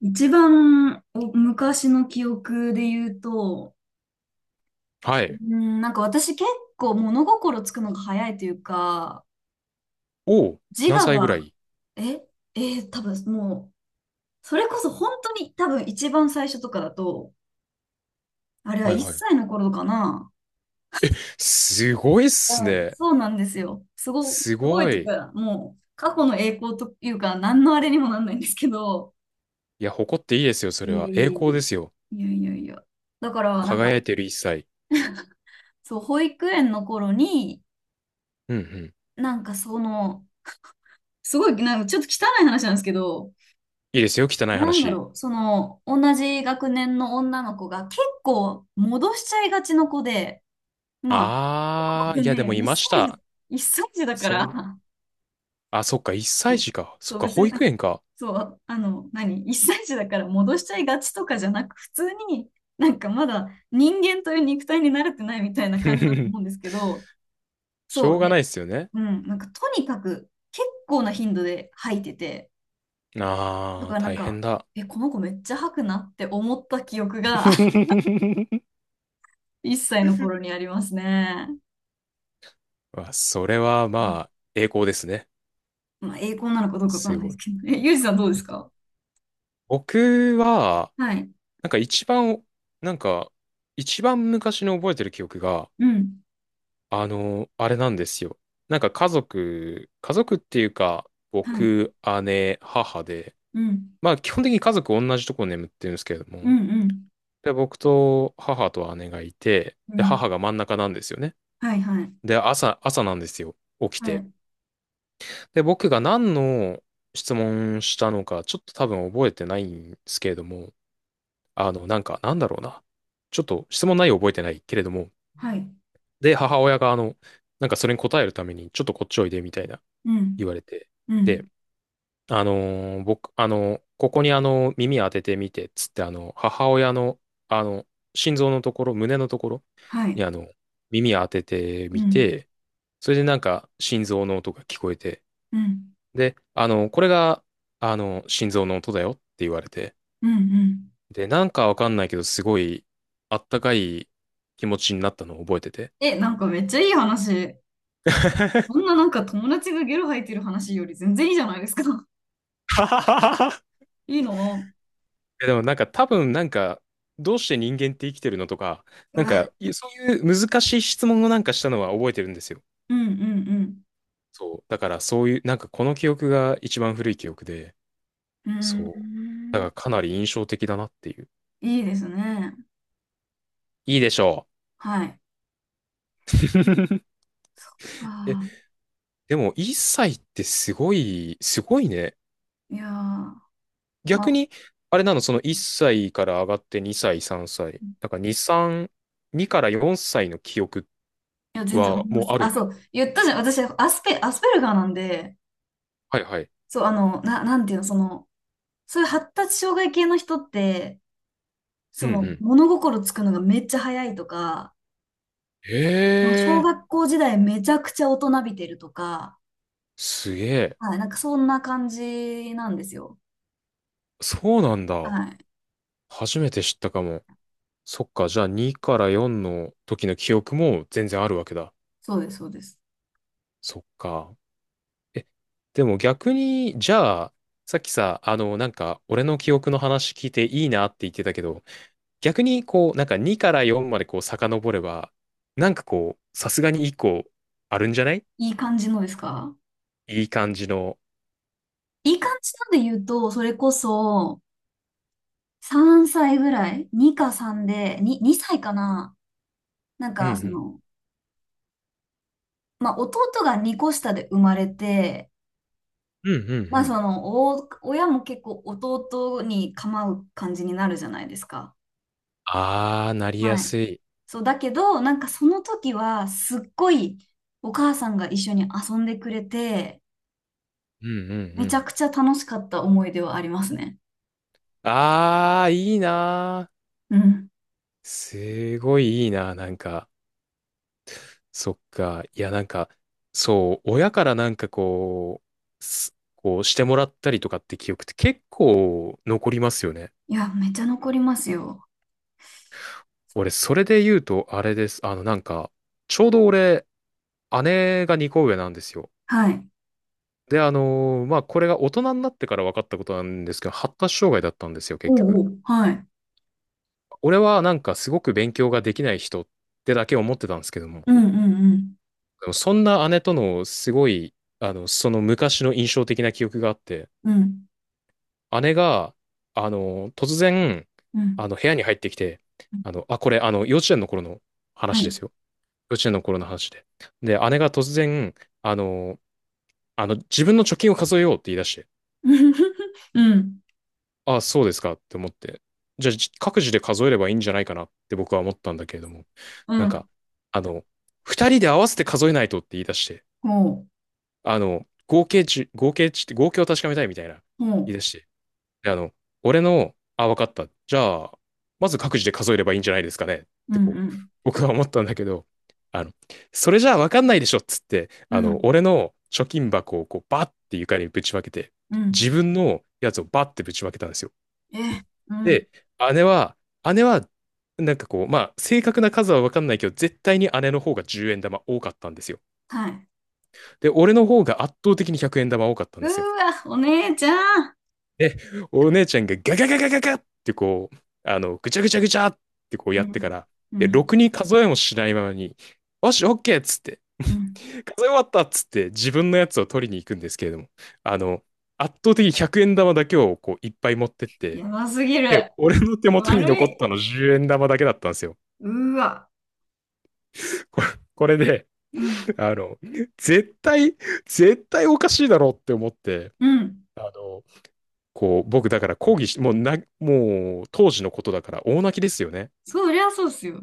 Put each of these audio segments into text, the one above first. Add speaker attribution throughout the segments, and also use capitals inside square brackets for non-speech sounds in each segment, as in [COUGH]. Speaker 1: 一番お昔の記憶で言うと、
Speaker 2: はい。
Speaker 1: うん、なんか私結構物心つくのが早いというか、
Speaker 2: おお、
Speaker 1: 自
Speaker 2: 何
Speaker 1: 我
Speaker 2: 歳ぐら
Speaker 1: が、
Speaker 2: い？
Speaker 1: え、えー多分もう、それこそ本当に多分一番最初とかだと、あれは
Speaker 2: はい
Speaker 1: 1
Speaker 2: はい。
Speaker 1: 歳の頃かな。
Speaker 2: すごいっ
Speaker 1: う
Speaker 2: す
Speaker 1: ん、
Speaker 2: ね。
Speaker 1: そうなんですよ。す
Speaker 2: す
Speaker 1: ごい
Speaker 2: ご
Speaker 1: と
Speaker 2: い。
Speaker 1: か、もう過去の栄光というか、何のあれにもなんないんですけど、
Speaker 2: いや、誇っていいですよ、それ
Speaker 1: いえ
Speaker 2: は。栄
Speaker 1: いえ
Speaker 2: 光
Speaker 1: い
Speaker 2: で
Speaker 1: え。
Speaker 2: すよ。
Speaker 1: いやいやいや。だから、なんか、
Speaker 2: 輝いてる一歳。
Speaker 1: そう、保育園の頃に、
Speaker 2: うんうん。い
Speaker 1: なんかその、すごい、なんかちょっと汚い話なんですけど、
Speaker 2: いですよ、汚い
Speaker 1: なんだ
Speaker 2: 話。
Speaker 1: ろう、その、同じ学年の女の子が結構戻しちゃいがちの子で、ま
Speaker 2: あー、
Speaker 1: あ、
Speaker 2: いや、でも
Speaker 1: ね、
Speaker 2: いました。
Speaker 1: 一歳児だか
Speaker 2: そう。
Speaker 1: ら、
Speaker 2: あ、そっか、一
Speaker 1: そ
Speaker 2: 歳
Speaker 1: う
Speaker 2: 児か。そ
Speaker 1: そ
Speaker 2: っ
Speaker 1: う
Speaker 2: か、
Speaker 1: 別
Speaker 2: 保
Speaker 1: に、
Speaker 2: 育園か。
Speaker 1: そう、あの、何、一歳児だから戻しちゃいがちとかじゃなく、普通になんかまだ人間という肉体に慣れてないみたいな感じだと思うんで
Speaker 2: [LAUGHS]
Speaker 1: すけど、
Speaker 2: し
Speaker 1: そ
Speaker 2: ょう
Speaker 1: う
Speaker 2: がな
Speaker 1: ね、
Speaker 2: いっすよね。
Speaker 1: うん、なんかとにかく結構な頻度で吐いてて、だ
Speaker 2: あ
Speaker 1: か
Speaker 2: ー、
Speaker 1: らなん
Speaker 2: 大
Speaker 1: か、
Speaker 2: 変だ。
Speaker 1: え、この子めっちゃ吐くなって思った記憶が
Speaker 2: [LAUGHS]
Speaker 1: [LAUGHS] 1歳の頃にありますね。
Speaker 2: わ、それはまあ、栄光ですね。
Speaker 1: まあ、栄光なのかどうかわか
Speaker 2: す
Speaker 1: んないで
Speaker 2: ご
Speaker 1: す
Speaker 2: い。
Speaker 1: けど。え、[LAUGHS] ゆうじさんどうですか？
Speaker 2: 僕は、
Speaker 1: はい。
Speaker 2: なんか一番、なんか、一番昔の覚えてる記憶が、
Speaker 1: うん。
Speaker 2: あれなんですよ。家族、家族っていうか、
Speaker 1: はい。
Speaker 2: 僕、姉、母で、
Speaker 1: うん。
Speaker 2: まあ基本的に家族同じとこ眠ってるんですけれど
Speaker 1: うん。
Speaker 2: も、
Speaker 1: うん。
Speaker 2: で、僕と母と姉がいて、
Speaker 1: う
Speaker 2: で、
Speaker 1: ん。
Speaker 2: 母が真ん中なんですよね。
Speaker 1: はい。はい。
Speaker 2: で、朝なんですよ。起き
Speaker 1: は
Speaker 2: て。
Speaker 1: い。
Speaker 2: で、僕が何の質問したのか、ちょっと多分覚えてないんですけれども、なんだろうな。ちょっと質問内容覚えてないけれども、
Speaker 1: はい。
Speaker 2: で、母親が、それに答えるために、ちょっとこっちおいで、みたいな
Speaker 1: う
Speaker 2: 言
Speaker 1: ん。
Speaker 2: われて。
Speaker 1: うん。
Speaker 2: で、僕、ここに耳当ててみて、つって、母親の、あの、心臓のところ、胸のところ
Speaker 1: は
Speaker 2: に、
Speaker 1: い。
Speaker 2: 耳当てて
Speaker 1: う
Speaker 2: み
Speaker 1: ん。
Speaker 2: て、それで心臓の音が聞こえて、
Speaker 1: うん。
Speaker 2: で、これが、心臓の音だよって言われて、
Speaker 1: うん。うん。
Speaker 2: で、わかんないけど、すごい、あったかい気持ちになったのを覚えてて。
Speaker 1: え、なんかめっちゃいい話。こんななんか友達がゲロ吐いてる話より全然いいじゃないですか。
Speaker 2: [LAUGHS]
Speaker 1: [LAUGHS] いいの。
Speaker 2: でも多分どうして人間って生きてるのとか、
Speaker 1: うわ。
Speaker 2: そういう難しい質問をしたのは覚えてるんですよ。
Speaker 1: うん。うん。
Speaker 2: そう。だからそういう、この記憶が一番古い記憶で、
Speaker 1: うん。うー
Speaker 2: そう。だか
Speaker 1: ん。
Speaker 2: らかなり印象的だなっていう。
Speaker 1: いいですね。
Speaker 2: いいでしょ
Speaker 1: はい。
Speaker 2: う。[LAUGHS]
Speaker 1: あ
Speaker 2: え、
Speaker 1: あ、
Speaker 2: でも1歳ってすごい、すごいね。
Speaker 1: いやー、ま
Speaker 2: 逆
Speaker 1: あ、
Speaker 2: に、あれなの、その1歳から上がって2歳、3歳。だから2から4歳の記憶
Speaker 1: いや、全然あり
Speaker 2: は
Speaker 1: ま
Speaker 2: もう
Speaker 1: す。
Speaker 2: ある
Speaker 1: あ、
Speaker 2: の？
Speaker 1: そう、言ったじゃん。私、アスペルガーなんで、
Speaker 2: はいはい。
Speaker 1: そう、あの、なんていうの、その、そういう発達障害系の人って、
Speaker 2: う
Speaker 1: そ
Speaker 2: んう
Speaker 1: の、
Speaker 2: ん。
Speaker 1: 物心つくのがめっちゃ早いとか、
Speaker 2: へ
Speaker 1: 小
Speaker 2: え、
Speaker 1: 学校時代めちゃくちゃ大人びてるとか、
Speaker 2: すげえ。
Speaker 1: はい、なんかそんな感じなんですよ。
Speaker 2: そうなんだ。
Speaker 1: はい。
Speaker 2: 初めて知ったかも。そっか、じゃあ2から4の時の記憶も全然あるわけだ。
Speaker 1: そうです、そうです。
Speaker 2: そっか。え、でも逆に、じゃあ、さっきさ、俺の記憶の話聞いていいなって言ってたけど、逆にこう、2から4までこう遡れば、さすがにいい子あるんじゃない？
Speaker 1: いい感じのですか？
Speaker 2: いい感じの。
Speaker 1: いい感じなんで言うと、それこそ、3歳ぐらい？ 2 か3で、2歳かな。なん
Speaker 2: うんう
Speaker 1: か、そ
Speaker 2: ん。
Speaker 1: の、まあ、弟が2個下で生まれて、
Speaker 2: うんうんう
Speaker 1: まあ、
Speaker 2: ん。
Speaker 1: その、お、親も結構弟に構う感じになるじゃないですか。
Speaker 2: あー、なりや
Speaker 1: はい。
Speaker 2: すい。
Speaker 1: そう、だけど、なんかその時は、すっごいお母さんが一緒に遊んでくれて、
Speaker 2: うんうんう
Speaker 1: めちゃ
Speaker 2: ん。
Speaker 1: くちゃ楽しかった思い出はありますね。
Speaker 2: あー、いいなー。
Speaker 1: うん。
Speaker 2: すごいいいな、そっか。いや、そう、親からこうしてもらったりとかって記憶って結構残りますよね。
Speaker 1: いや、めっちゃ残りますよ。
Speaker 2: 俺、それで言うと、あれです。ちょうど俺、姉が2個上なんですよ。
Speaker 1: はい。
Speaker 2: で、まあ、これが大人になってから分かったことなんですけど、発達障害だったんですよ、
Speaker 1: お
Speaker 2: 結
Speaker 1: うお
Speaker 2: 局。
Speaker 1: う。はい。
Speaker 2: 俺はすごく勉強ができない人ってだけ思ってたんですけども、
Speaker 1: うんうん
Speaker 2: でもそんな姉とのすごい、その昔の印象的な記憶があって、
Speaker 1: うん。うん。
Speaker 2: 姉が、突然、
Speaker 1: うん。
Speaker 2: 部屋に入ってきて、あ、これ、幼稚園の頃の
Speaker 1: は
Speaker 2: 話で
Speaker 1: い。
Speaker 2: すよ。幼稚園の頃の話で。で、姉が突然、あの、自分の貯金を数えようって言い出して、
Speaker 1: [LAUGHS] うん、
Speaker 2: あ、そうですかって思って、じゃあ、各自で数えればいいんじゃないかなって僕は思ったんだけれども、
Speaker 1: う
Speaker 2: なんか、
Speaker 1: ん、
Speaker 2: あの、二人で合わせて数えないとって言い出して、
Speaker 1: ほう、
Speaker 2: 合計値って、合計を確かめたいみたいな
Speaker 1: ほ
Speaker 2: 言い出
Speaker 1: う、
Speaker 2: して。で、あ、わかった。じゃあ、まず各自で数えればいいんじゃないですかねっ
Speaker 1: うん、
Speaker 2: て
Speaker 1: う
Speaker 2: こう、
Speaker 1: ん、
Speaker 2: 僕は思ったんだけど、あの、それじゃあわかんないでしょっつって、
Speaker 1: うん、
Speaker 2: 俺の貯金箱をこう、バッて床にぶちまけて、
Speaker 1: うん、
Speaker 2: 自分のやつをバッてぶちまけたんですよ。
Speaker 1: え、うん、
Speaker 2: で、姉は、姉は、まあ、正確な数は分かんないけど、絶対に姉の方が10円玉多かったんですよ。
Speaker 1: はい。
Speaker 2: で、俺の方が圧倒的に100円玉多かったん
Speaker 1: う
Speaker 2: で
Speaker 1: ー
Speaker 2: すよ。
Speaker 1: わ、お姉ちゃん。
Speaker 2: え、お姉ちゃんがガガガガガガってこう、ぐちゃぐちゃぐちゃってこう
Speaker 1: う
Speaker 2: やってか
Speaker 1: ん、
Speaker 2: ら、
Speaker 1: う
Speaker 2: で、ろ
Speaker 1: ん、
Speaker 2: くに数えもしないままに、よし、オッケーっつって、
Speaker 1: うん。
Speaker 2: 数え終わったっつって、自分のやつを取りに行くんですけれども、あの、圧倒的に100円玉だけをこういっぱい持ってって、
Speaker 1: やばすぎる。
Speaker 2: で、俺の手元に残
Speaker 1: 悪
Speaker 2: っ
Speaker 1: い。
Speaker 2: たの10円玉だけだったんですよ。
Speaker 1: うーわ、
Speaker 2: これこれで、
Speaker 1: うん、
Speaker 2: あの、絶対、絶対おかしいだろうって思って、
Speaker 1: うん。
Speaker 2: あの、僕だから抗議し、もうな、もう当時のことだから大泣きですよね。
Speaker 1: そりゃそうっすよ。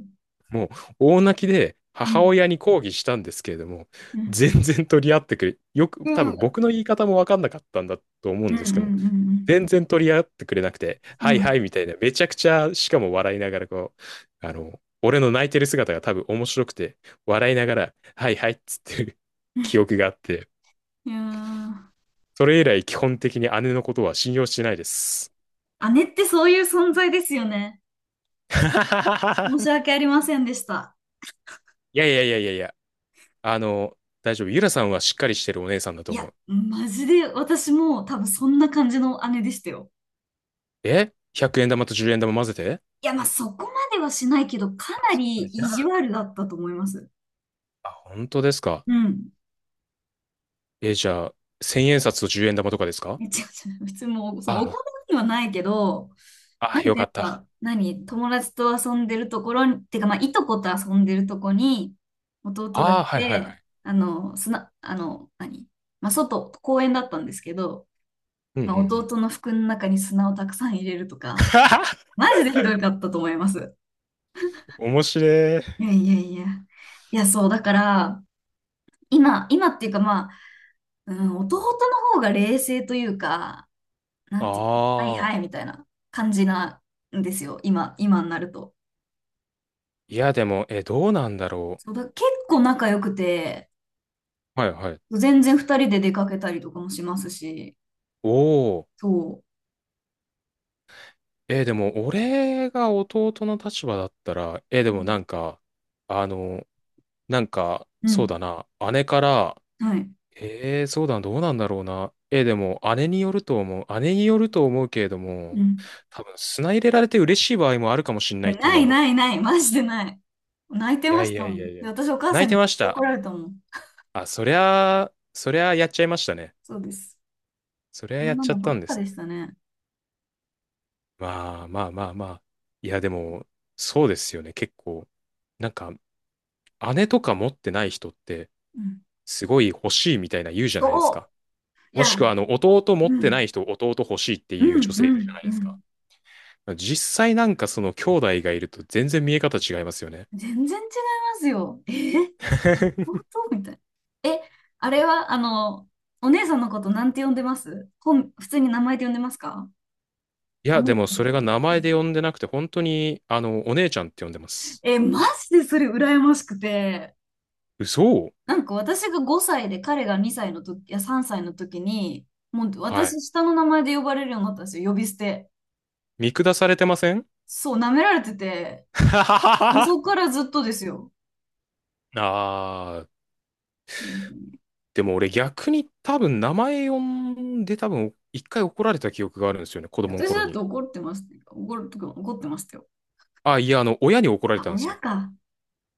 Speaker 2: もう大泣きで
Speaker 1: う
Speaker 2: 母
Speaker 1: ん、
Speaker 2: 親に抗議したんですけれども、
Speaker 1: うん、
Speaker 2: 全然取り合ってくれ、よく、
Speaker 1: う
Speaker 2: 多
Speaker 1: ー
Speaker 2: 分
Speaker 1: わ、
Speaker 2: 僕の言い方もわかんなかったんだと思う
Speaker 1: う
Speaker 2: ん
Speaker 1: ん、う
Speaker 2: ですけども、
Speaker 1: ん、
Speaker 2: 全然取り合ってくれなくて、
Speaker 1: う
Speaker 2: は
Speaker 1: ん、う
Speaker 2: い
Speaker 1: ん。う
Speaker 2: は
Speaker 1: ん。
Speaker 2: いみたいな、めちゃくちゃ、しかも笑いながらこう、俺の泣いてる姿が多分面白くて、笑いながら、はいはいっつってる [LAUGHS] 記憶があって、
Speaker 1: いや
Speaker 2: それ以来基本的に姉のことは信用してないです。
Speaker 1: ー、姉ってそういう存在ですよね。申し
Speaker 2: [LAUGHS]
Speaker 1: 訳ありませんでした。
Speaker 2: いやいやいやいやいや、あの、大丈夫。ゆらさんはしっかりしてるお姉さんだと
Speaker 1: い
Speaker 2: 思
Speaker 1: や、
Speaker 2: う。
Speaker 1: マジで私も多分そんな感じの姉でしたよ。
Speaker 2: え？ 100 円玉と10円玉混ぜて？
Speaker 1: いや、まあ、そこまではしないけど、か
Speaker 2: あ、
Speaker 1: な
Speaker 2: そこ
Speaker 1: り
Speaker 2: ね。じゃ
Speaker 1: 意地
Speaker 2: あ、
Speaker 1: 悪だったと思います。
Speaker 2: あ、本当ですか。
Speaker 1: うん。
Speaker 2: え、じゃあ、1000円札と10円玉とかですか？
Speaker 1: 違う違う。普通もう、そのお
Speaker 2: あ
Speaker 1: 金にはないけど、
Speaker 2: あ、
Speaker 1: な
Speaker 2: あ、
Speaker 1: ん
Speaker 2: よ
Speaker 1: か
Speaker 2: か
Speaker 1: やっ
Speaker 2: った。
Speaker 1: ぱ、何、友達と遊んでるところに、てか、まあ、いとこと遊んでるとこに、弟が
Speaker 2: あ
Speaker 1: 来
Speaker 2: あ、はいはいは
Speaker 1: て、
Speaker 2: い。
Speaker 1: あの、砂、あの、何、まあ、外、公園だったんですけど、
Speaker 2: うんうん
Speaker 1: まあ、
Speaker 2: うん。
Speaker 1: 弟の服の中に砂をたくさん入れるとか、
Speaker 2: [LAUGHS]
Speaker 1: マジでひどかったと思います。
Speaker 2: 面白い。
Speaker 1: いやいやいや。いや、そう、だから、今っていうかまあ、うん、弟の方が冷静というか、な
Speaker 2: あ
Speaker 1: んていうの、はいは
Speaker 2: あ。
Speaker 1: いみたいな感じなんですよ、今になると。
Speaker 2: いや、でも、え、どうなんだろ
Speaker 1: そうだ、結構仲良くて、
Speaker 2: う。はいはい。
Speaker 1: 全然二人で出かけたりとかもしますし、
Speaker 2: おお。
Speaker 1: そ
Speaker 2: え、でも、俺が弟の立場だったら、
Speaker 1: う。う
Speaker 2: でも
Speaker 1: ん、
Speaker 2: あの、
Speaker 1: う
Speaker 2: そう
Speaker 1: ん、
Speaker 2: だな。姉から、
Speaker 1: はい。
Speaker 2: そうだ、どうなんだろうな。でも、姉によると思う。姉によると思うけれど
Speaker 1: う
Speaker 2: も、
Speaker 1: ん。
Speaker 2: 多分、砂入れられて嬉しい場合もあるかもしれな
Speaker 1: い
Speaker 2: い
Speaker 1: や、
Speaker 2: って
Speaker 1: な
Speaker 2: 今
Speaker 1: い
Speaker 2: 思って。
Speaker 1: ないない、マジでない。泣いて
Speaker 2: い
Speaker 1: ま
Speaker 2: や
Speaker 1: し
Speaker 2: い
Speaker 1: た
Speaker 2: や
Speaker 1: も
Speaker 2: い
Speaker 1: ん。
Speaker 2: やいや。
Speaker 1: で、私お母さ
Speaker 2: 泣い
Speaker 1: ん
Speaker 2: て
Speaker 1: に
Speaker 2: ま
Speaker 1: 絶
Speaker 2: し
Speaker 1: 対怒
Speaker 2: た。
Speaker 1: られたもん。
Speaker 2: あ、そりゃやっちゃいましたね。
Speaker 1: そうです。
Speaker 2: そりゃ
Speaker 1: そ
Speaker 2: や
Speaker 1: ん
Speaker 2: っ
Speaker 1: な
Speaker 2: ちゃ
Speaker 1: の
Speaker 2: っ
Speaker 1: ば
Speaker 2: た
Speaker 1: っ
Speaker 2: んで
Speaker 1: か
Speaker 2: す
Speaker 1: で
Speaker 2: ね。
Speaker 1: したね。
Speaker 2: まあまあまあまあ。いや、でも、そうですよね。結構、なんか、姉とか持ってない人って、
Speaker 1: うん。
Speaker 2: すごい欲しいみたいな言うじゃないですか。
Speaker 1: そう。い
Speaker 2: も
Speaker 1: や、
Speaker 2: しくは、弟持
Speaker 1: う
Speaker 2: ってな
Speaker 1: ん、
Speaker 2: い人、弟欲しいって
Speaker 1: うん、
Speaker 2: いう女性い
Speaker 1: う
Speaker 2: るじゃ
Speaker 1: ん、
Speaker 2: ない
Speaker 1: う
Speaker 2: ですか。
Speaker 1: ん。
Speaker 2: 実際その兄弟がいると全然見え方違いますよね。
Speaker 1: 全然違いますよ。え、本
Speaker 2: [LAUGHS]
Speaker 1: 当みたいな。え、あれは、あの、お姉さんのことなんて呼んでます？本、普通に名前で呼んでますか？
Speaker 2: い
Speaker 1: お
Speaker 2: や、
Speaker 1: 姉
Speaker 2: でも
Speaker 1: ちゃんっ
Speaker 2: それ
Speaker 1: て
Speaker 2: が
Speaker 1: 言って
Speaker 2: 名
Speaker 1: ま
Speaker 2: 前
Speaker 1: す。
Speaker 2: で呼んでなくて、本当に、お姉ちゃんって呼んでます。
Speaker 1: え、マジでそれ羨ましくて、
Speaker 2: 嘘。
Speaker 1: なんか私が5歳で彼が2歳の時、いや3歳の時に、もう
Speaker 2: はい。
Speaker 1: 私下の名前で呼ばれるようになったんですよ、呼び捨て。
Speaker 2: 見下されてません？
Speaker 1: そう、舐められてて、
Speaker 2: [LAUGHS]
Speaker 1: もうそこからずっとですよ。
Speaker 2: あー、
Speaker 1: 本当に。
Speaker 2: でも俺逆に多分名前呼んで多分一回怒られた記憶があるんですよね、子
Speaker 1: いや
Speaker 2: 供の
Speaker 1: 私
Speaker 2: 頃
Speaker 1: だって
Speaker 2: に。
Speaker 1: 怒ってます。怒るとか怒ってましたよ。
Speaker 2: あ、いや、親に怒られ
Speaker 1: あ、
Speaker 2: たんです
Speaker 1: 親
Speaker 2: よ。
Speaker 1: か。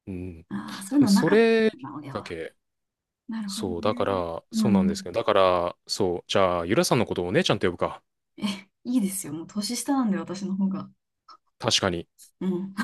Speaker 2: うん。
Speaker 1: ああ、そ
Speaker 2: 多
Speaker 1: ういう
Speaker 2: 分
Speaker 1: のな
Speaker 2: そ
Speaker 1: かっ
Speaker 2: れ
Speaker 1: た
Speaker 2: き
Speaker 1: な、
Speaker 2: っ
Speaker 1: 親
Speaker 2: か
Speaker 1: は。
Speaker 2: け。
Speaker 1: なるほど
Speaker 2: そう、だか
Speaker 1: ね。
Speaker 2: ら、
Speaker 1: う
Speaker 2: そうなんです
Speaker 1: ん。
Speaker 2: けど、だから、そう、じゃあ、ゆらさんのことをお姉ちゃんって呼ぶか。
Speaker 1: え、いいですよ。もう年下なんで、私の方が。
Speaker 2: 確かに。
Speaker 1: うん。